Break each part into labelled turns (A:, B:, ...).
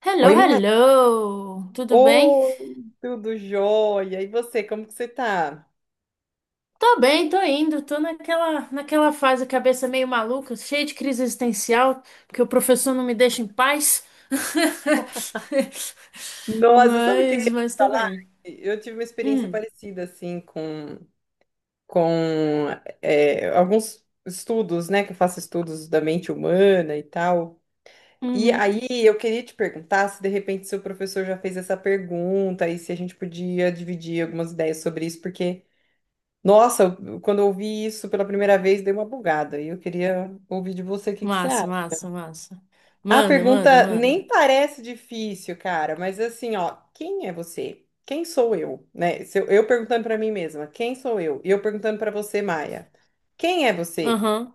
A: Hello,
B: Oi, Mai.
A: hello! Tudo bem?
B: Oi, tudo jóia. E você, como que você tá?
A: Tô bem, tô indo, tô naquela fase cabeça meio maluca, cheia de crise existencial, porque o professor não me deixa em paz.
B: Nossa, sabe o que eu ia
A: Mas,
B: te
A: mas tô
B: falar?
A: bem.
B: Eu tive uma experiência
A: Hum,
B: parecida, assim, com alguns estudos, né? Que eu faço estudos da mente humana e tal. E
A: uhum.
B: aí eu queria te perguntar se de repente seu professor já fez essa pergunta e se a gente podia dividir algumas ideias sobre isso, porque, nossa, quando eu ouvi isso pela primeira vez, dei uma bugada. E eu queria ouvir de você o que que você
A: Massa,
B: acha.
A: massa, massa.
B: A
A: Manda, manda,
B: pergunta nem
A: manda.
B: parece difícil, cara, mas assim, ó, quem é você? Quem sou eu, né? Se eu perguntando pra mim mesma, quem sou eu? E eu perguntando pra você, Maia, quem é você?
A: Aham.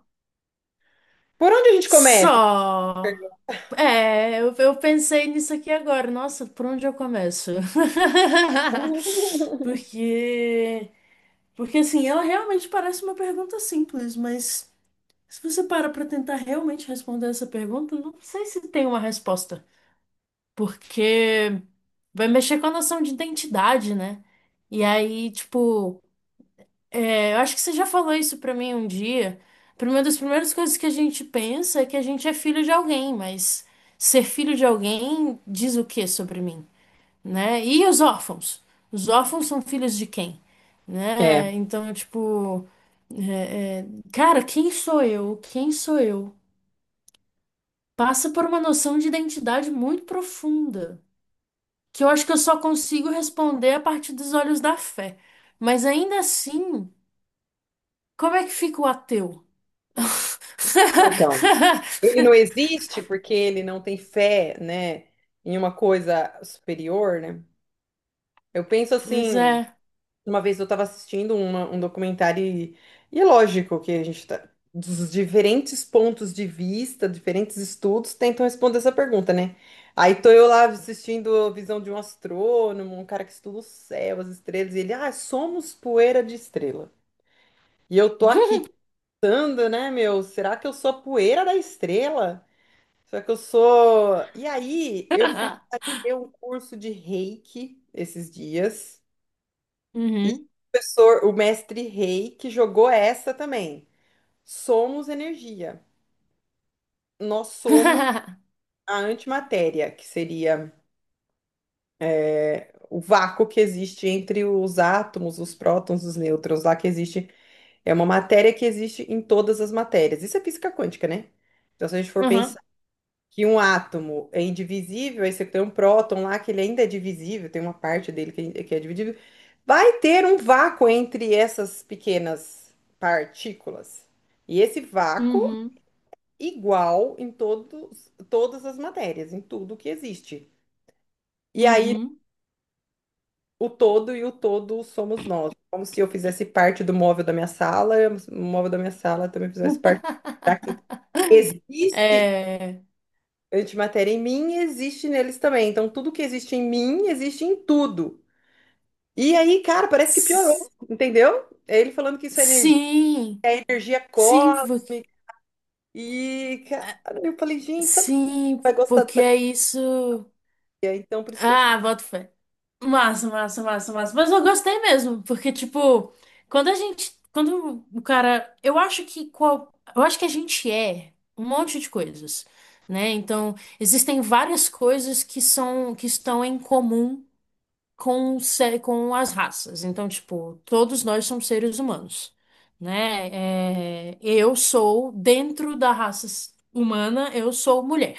B: Por onde a gente começa?
A: Só. É, eu pensei nisso aqui agora. Nossa, por onde eu começo? Porque Porque assim, ela realmente parece uma pergunta simples, mas se você para para tentar realmente responder essa pergunta, não sei se tem uma resposta, porque vai mexer com a noção de identidade, né? E aí, tipo, é, eu acho que você já falou isso pra mim um dia. Uma das primeiras coisas que a gente pensa é que a gente é filho de alguém, mas ser filho de alguém diz o que sobre mim? Né? E os órfãos? Os órfãos são filhos de quem?
B: É,
A: Né? Então, tipo, é, é, cara, quem sou eu? Quem sou eu? Passa por uma noção de identidade muito profunda, que eu acho que eu só consigo responder a partir dos olhos da fé. Mas ainda assim, como é que fica o ateu?
B: então, ele não existe porque ele não tem fé, né, em uma coisa superior, né? Eu penso
A: Pois
B: assim.
A: é.
B: Uma vez eu estava assistindo um documentário, e é lógico que a gente está dos diferentes pontos de vista, diferentes estudos tentam responder essa pergunta, né? Aí tô eu lá assistindo a visão de um astrônomo, um cara que estuda o céu, as estrelas, e ele: "Ah, somos poeira de estrela." E eu tô aqui pensando, né, meu, será que eu sou a poeira da estrela? Será que eu sou. E aí eu fui ter um curso de Reiki esses dias. E o
A: Uhum.
B: professor, o mestre Rei, que jogou essa também. Somos energia. Nós somos a antimatéria, que seria o vácuo que existe entre os átomos, os prótons, os nêutrons, lá que existe. É uma matéria que existe em todas as matérias. Isso é física quântica, né? Então, se a gente for
A: Uhum.
B: que um átomo é indivisível, aí você tem um próton lá que ele ainda é divisível, tem uma parte dele que é dividível, vai ter um vácuo entre essas pequenas partículas. E esse vácuo
A: Uhum.
B: igual em todos, todas as matérias, em tudo que existe. E aí
A: Uhum.
B: o todo e o todo somos nós. Como se eu fizesse parte do móvel da minha sala, e o móvel da minha sala também fizesse parte. Existe
A: É.
B: antimatéria em mim, existe neles também. Então, tudo que existe em mim existe em tudo. E aí, cara, parece que piorou,
A: S-
B: entendeu? É Ele falando que isso
A: Sim,
B: é energia
A: sim,
B: cósmica.
A: porque,
B: E, cara, eu falei, gente, sabe quem
A: sim,
B: vai gostar
A: porque
B: dessa
A: é isso.
B: coisa? Então, por isso que eu tô te ligando.
A: Ah, boto fé. Massa, massa, massa, massa. Mas eu gostei mesmo, porque, tipo, quando a gente. Quando o cara. Eu acho que qual. Eu acho que a gente é um monte de coisas, né? Então, existem várias coisas que são, que estão em comum com, com as raças. Então, tipo, todos nós somos seres humanos, né? É, eu sou, dentro da raça humana, eu sou mulher.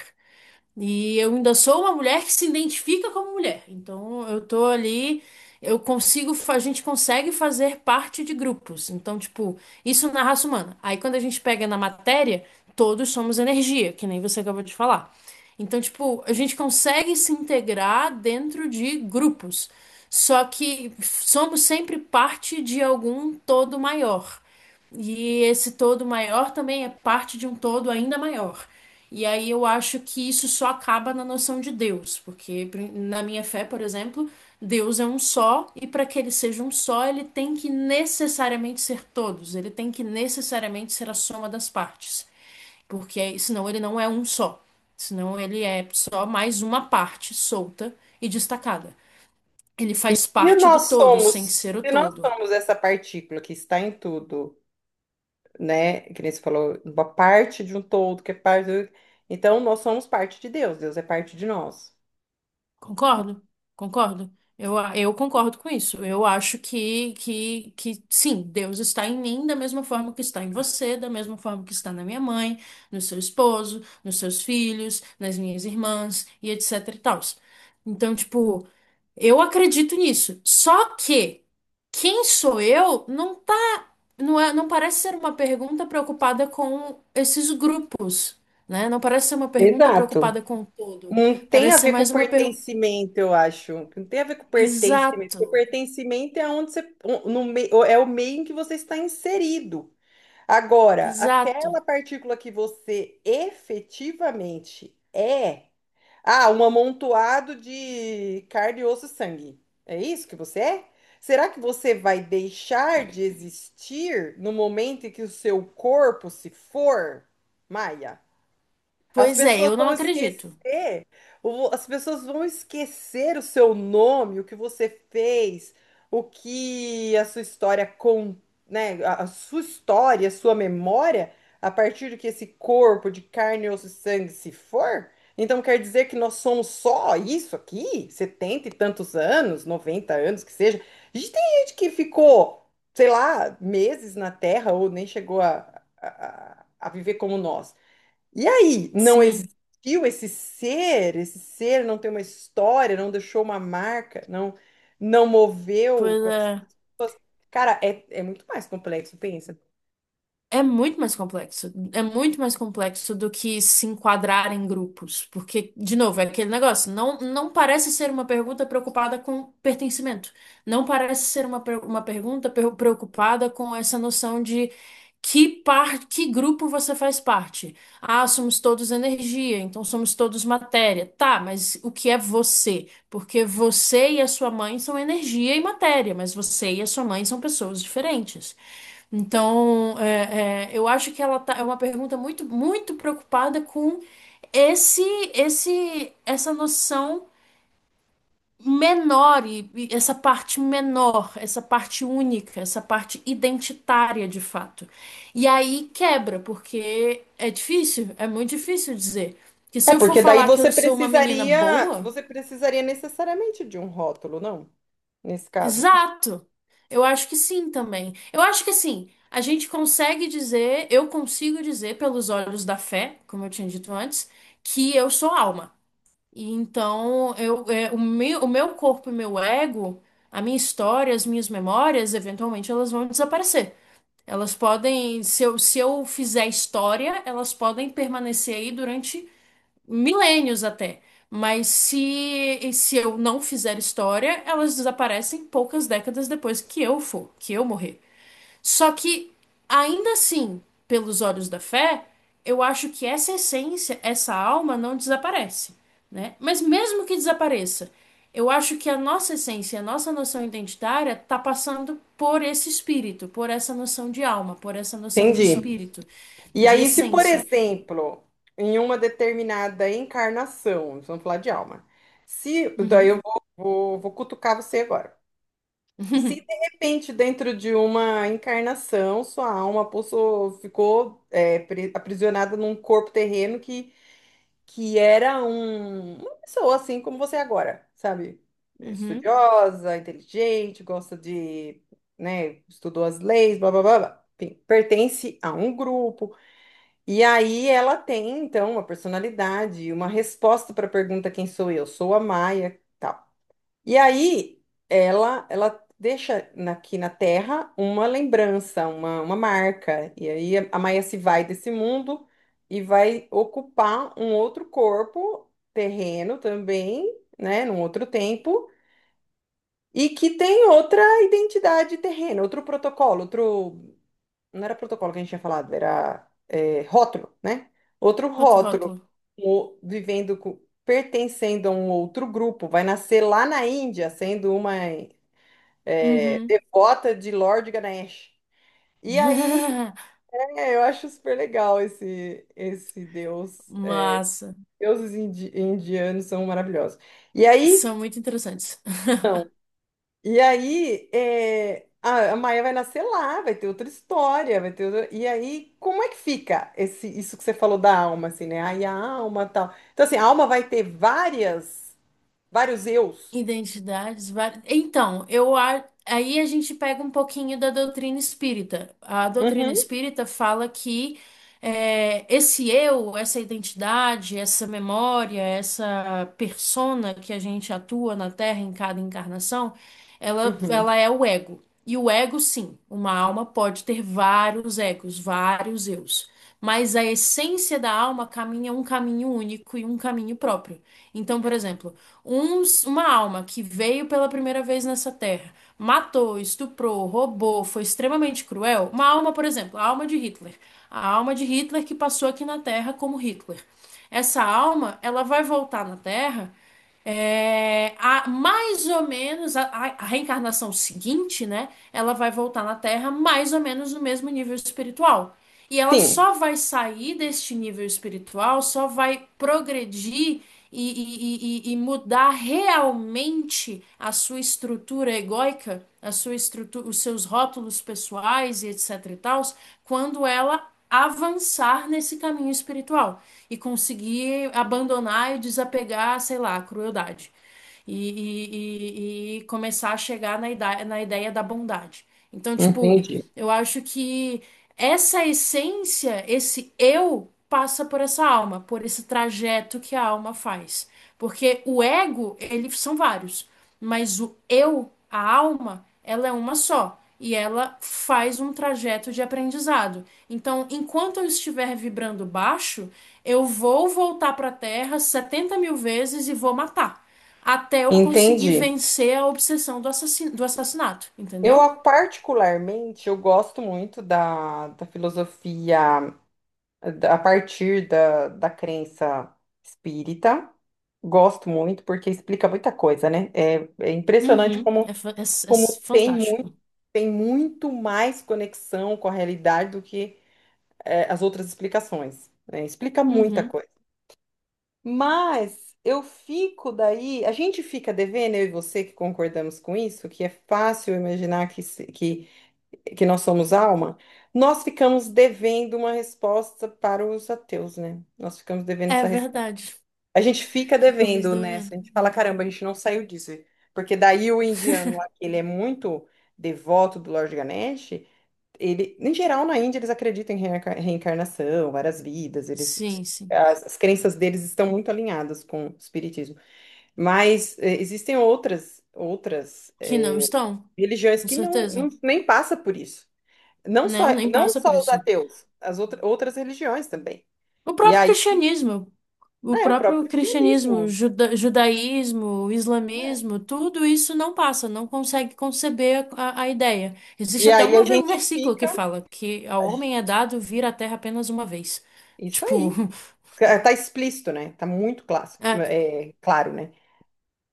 A: E eu ainda sou uma mulher que se identifica como mulher. Então, eu tô ali, eu consigo, a gente consegue fazer parte de grupos. Então, tipo, isso na raça humana. Aí, quando a gente pega na matéria, todos somos energia, que nem você acabou de falar. Então, tipo, a gente consegue se integrar dentro de grupos, só que somos sempre parte de algum todo maior. E esse todo maior também é parte de um todo ainda maior. E aí eu acho que isso só acaba na noção de Deus, porque na minha fé, por exemplo, Deus é um só, e para que ele seja um só, ele tem que necessariamente ser todos, ele tem que necessariamente ser a soma das partes. Porque senão ele não é um só. Senão ele é só mais uma parte solta e destacada. Ele faz
B: E
A: parte do
B: nós
A: todo, sem
B: somos,
A: ser o
B: se nós
A: todo.
B: somos essa partícula que está em tudo, né? Que nem você falou, uma parte de um todo, que é parte do... Então, nós somos parte de Deus, Deus é parte de nós.
A: Concordo? Concordo. Eu, eu concordo com isso. Eu acho que sim, Deus está em mim da mesma forma que está em você, da mesma forma que está na minha mãe, no seu esposo, nos seus filhos, nas minhas irmãs e etc e tal. Então, tipo, eu acredito nisso. Só que quem sou eu não Não é, não parece ser uma pergunta preocupada com esses grupos, né? Não parece ser uma pergunta
B: Exato.
A: preocupada com o todo.
B: Não tem a
A: Parece ser
B: ver com
A: mais uma pergunta.
B: pertencimento, eu acho. Não tem a ver com pertencimento.
A: Exato,
B: Porque pertencimento é onde você, no meio, é o meio em que você está inserido. Agora,
A: exato.
B: aquela partícula que você efetivamente é, ah, um amontoado de carne, osso e sangue. É isso que você é? Será que você vai deixar de existir no momento em que o seu corpo se for, Maia? As
A: Pois é,
B: pessoas
A: eu não
B: vão esquecer
A: acredito.
B: as pessoas vão esquecer o seu nome, o que você fez, o que a sua história com, né, a sua história, a sua memória, a partir do que esse corpo de carne, osso e sangue se for. Então quer dizer que nós somos só isso aqui? Setenta e tantos anos, 90 anos que seja. A gente tem gente que ficou, sei lá, meses na Terra ou nem chegou a viver como nós. E aí, não
A: Sim,
B: existiu esse ser não tem uma história, não deixou uma marca, não moveu o
A: pois
B: coração
A: é.
B: das pessoas. Cara, é muito mais complexo, pensa.
A: É muito mais complexo. É muito mais complexo do que se enquadrar em grupos. Porque, de novo, é aquele negócio. Não, não parece ser uma pergunta preocupada com pertencimento. Não parece ser uma, uma pergunta preocupada com essa noção de que parte, que grupo você faz parte. Ah, somos todos energia, então somos todos matéria. Tá, mas o que é você? Porque você e a sua mãe são energia e matéria, mas você e a sua mãe são pessoas diferentes. Então, é, é, eu acho que ela tá, é uma pergunta muito, muito preocupada com esse, essa noção menor e essa parte menor, essa parte única, essa parte identitária de fato. E aí quebra, porque é difícil, é muito difícil dizer. Que
B: É,
A: se eu for
B: porque daí
A: falar que
B: você
A: eu sou uma menina
B: precisaria,
A: boa,
B: você precisaria necessariamente de um rótulo, não? Nesse caso.
A: exato. Eu acho que sim também. Eu acho que assim, a gente consegue dizer, eu consigo dizer pelos olhos da fé, como eu tinha dito antes, que eu sou alma. E então, eu, é, o meu corpo e meu ego, a minha história, as minhas memórias, eventualmente elas vão desaparecer. Elas podem, se eu fizer história, elas podem permanecer aí durante milênios até. Mas se eu não fizer história, elas desaparecem poucas décadas depois que eu for, que eu morrer. Só que, ainda assim, pelos olhos da fé, eu acho que essa essência, essa alma não desaparece, né? Mas mesmo que desapareça, eu acho que a nossa essência, a nossa noção identitária está passando por esse espírito, por essa noção de alma, por essa noção de
B: Entendi.
A: espírito,
B: E
A: de
B: aí, se, por
A: essência.
B: exemplo, em uma determinada encarnação, vamos falar de alma, se, daí
A: Uhum.
B: eu vou cutucar você agora. Se de repente, dentro de uma encarnação, sua alma possou, ficou aprisionada num corpo terreno que era um, uma pessoa assim como você é agora, sabe? É
A: Uhum.
B: estudiosa, inteligente, gosta de, né, estudou as leis, blá blá blá, blá. Enfim, pertence a um grupo. E aí ela tem, então, uma personalidade, uma resposta para a pergunta: quem sou eu? Sou a Maia. Tal. E aí ela deixa aqui na Terra uma lembrança, uma marca. E aí a Maia se vai desse mundo e vai ocupar um outro corpo terreno também, né, num outro tempo, e que tem outra identidade terrena, outro protocolo, outro não era protocolo que a gente tinha falado, era rótulo, né? Outro
A: Outro
B: rótulo,
A: rótulo.
B: vivendo com pertencendo a um outro grupo, vai nascer lá na Índia, sendo uma
A: Uhum.
B: devota de Lord Ganesh. E aí, eu acho super legal esse deus.
A: Massa.
B: Deuses indianos são maravilhosos. E aí,
A: São muito interessantes.
B: são. E aí, a Maia vai nascer lá, vai ter outra história, vai ter outra- E aí, como é que fica esse, isso que você falou da alma, assim, né? Aí a alma tal. Então, assim, a alma vai ter várias, vários eus.
A: Identidades várias. Então, eu aí a gente pega um pouquinho da doutrina espírita. A doutrina
B: Uhum,
A: espírita fala que é, esse eu, essa identidade, essa memória, essa persona que a gente atua na Terra em cada encarnação, ela,
B: uhum.
A: ela é o ego. E o ego, sim, uma alma pode ter vários egos, vários eus. Mas a essência da alma caminha um caminho único e um caminho próprio. Então, por exemplo uma alma que veio pela primeira vez nessa terra, matou, estuprou, roubou, foi extremamente cruel. Uma alma, por exemplo, a alma de Hitler. A alma de Hitler que passou aqui na Terra como Hitler. Essa alma, ela vai voltar na Terra é, a, mais ou menos a reencarnação seguinte, né? Ela vai voltar na Terra mais ou menos no mesmo nível espiritual. E ela
B: Sim,
A: só vai sair deste nível espiritual, só vai progredir e mudar realmente a sua estrutura egóica, a sua estrutura, os seus rótulos pessoais e etc e tal, quando ela avançar nesse caminho espiritual e conseguir abandonar e desapegar, sei lá, a crueldade. E começar a chegar na ideia da bondade. Então, tipo.
B: entendi.
A: Eu acho que essa essência, esse eu, passa por essa alma, por esse trajeto que a alma faz. Porque o ego, eles são vários, mas o eu, a alma, ela é uma só. E ela faz um trajeto de aprendizado. Então, enquanto eu estiver vibrando baixo, eu vou voltar para a Terra 70 mil vezes e vou matar. Até eu conseguir
B: Entendi.
A: vencer a obsessão do assassinato,
B: Eu,
A: entendeu?
B: ah, particularmente, eu gosto muito da filosofia a partir da crença espírita. Gosto muito, porque explica muita coisa, né? É impressionante
A: Uhum.
B: como,
A: É, fa- é, s- é s-
B: como tem
A: fantástico.
B: muito mais conexão com a realidade do que as outras explicações. Né? Explica muita
A: Uhum.
B: coisa. Mas eu fico daí, a gente fica devendo, eu e você que concordamos com isso, que é fácil imaginar que, que nós somos alma, nós ficamos devendo uma resposta para os ateus, né? Nós ficamos devendo
A: É
B: essa resposta.
A: verdade.
B: A gente fica
A: Ficamos
B: devendo nessa,
A: devendo.
B: a gente fala, caramba, a gente não saiu disso. Porque daí o indiano lá, que ele é muito devoto do Lord Ganesh, ele, em geral, na Índia, eles acreditam em reencarnação, várias vidas, eles.
A: Sim, sim.
B: As crenças deles estão muito alinhadas com o espiritismo, mas existem outras
A: Que não estão,
B: religiões
A: com
B: que não,
A: certeza.
B: não nem passa por isso. Não só,
A: Não, nem
B: não
A: passa por
B: só os
A: isso.
B: ateus, as outra, outras religiões também.
A: O
B: E
A: próprio
B: aí,
A: cristianismo, o
B: o
A: próprio
B: próprio
A: cristianismo,
B: cristianismo.
A: judaísmo,
B: É.
A: islamismo, tudo isso não passa, não consegue conceber a ideia. Existe
B: E
A: até
B: aí a
A: uma, um
B: gente
A: versículo que
B: fica,
A: fala que ao homem é dado vir à terra apenas uma vez.
B: isso
A: Tipo,
B: aí, tá explícito, né? Tá muito clássico,
A: é.
B: é, claro, né?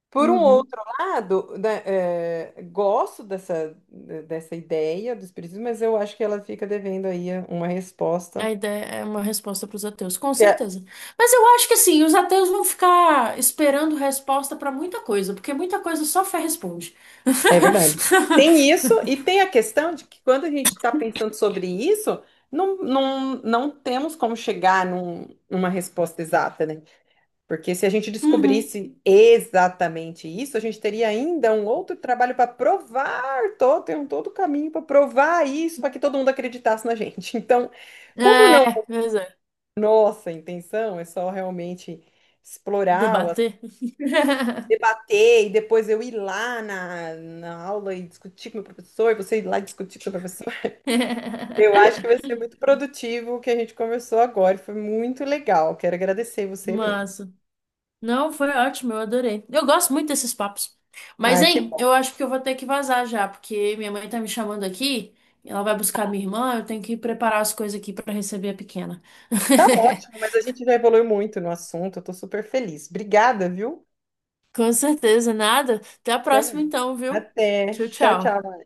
B: Por um
A: Uhum.
B: outro lado, né, gosto dessa ideia do espiritismo, mas eu acho que ela fica devendo aí uma resposta.
A: A ideia é uma resposta para os ateus, com certeza. Mas eu acho que assim, os ateus vão ficar esperando resposta para muita coisa, porque muita coisa só fé responde.
B: É verdade. Tem isso, e tem a questão de que quando a gente está pensando sobre isso, não temos como chegar numa resposta exata, né? Porque se a gente
A: Uhum.
B: descobrisse exatamente isso, a gente teria ainda um outro trabalho para provar todo, tem um todo caminho para provar isso, para que todo mundo acreditasse na gente. Então, como não é
A: É, pois é.
B: nossa intenção, é só realmente explorar o
A: Debater.
B: debater e depois eu ir lá na aula e discutir com o meu professor, e você ir lá discutir com o seu professor. Eu acho que vai ser muito produtivo o que a gente conversou agora, e foi muito legal. Quero agradecer você mesmo.
A: Massa. Não, foi ótimo, eu adorei. Eu gosto muito desses papos. Mas,
B: Ah, que
A: hein,
B: bom.
A: eu acho que eu vou ter que vazar já, porque minha mãe tá me chamando aqui, ela vai buscar minha irmã, eu tenho que preparar as coisas aqui para receber a pequena.
B: Tá ótimo, mas a gente já evoluiu muito no assunto, eu tô super feliz. Obrigada, viu?
A: Com certeza, nada. Até a
B: Até
A: próxima
B: mais.
A: então, viu?
B: Até.
A: Tchau,
B: Tchau,
A: tchau.
B: tchau.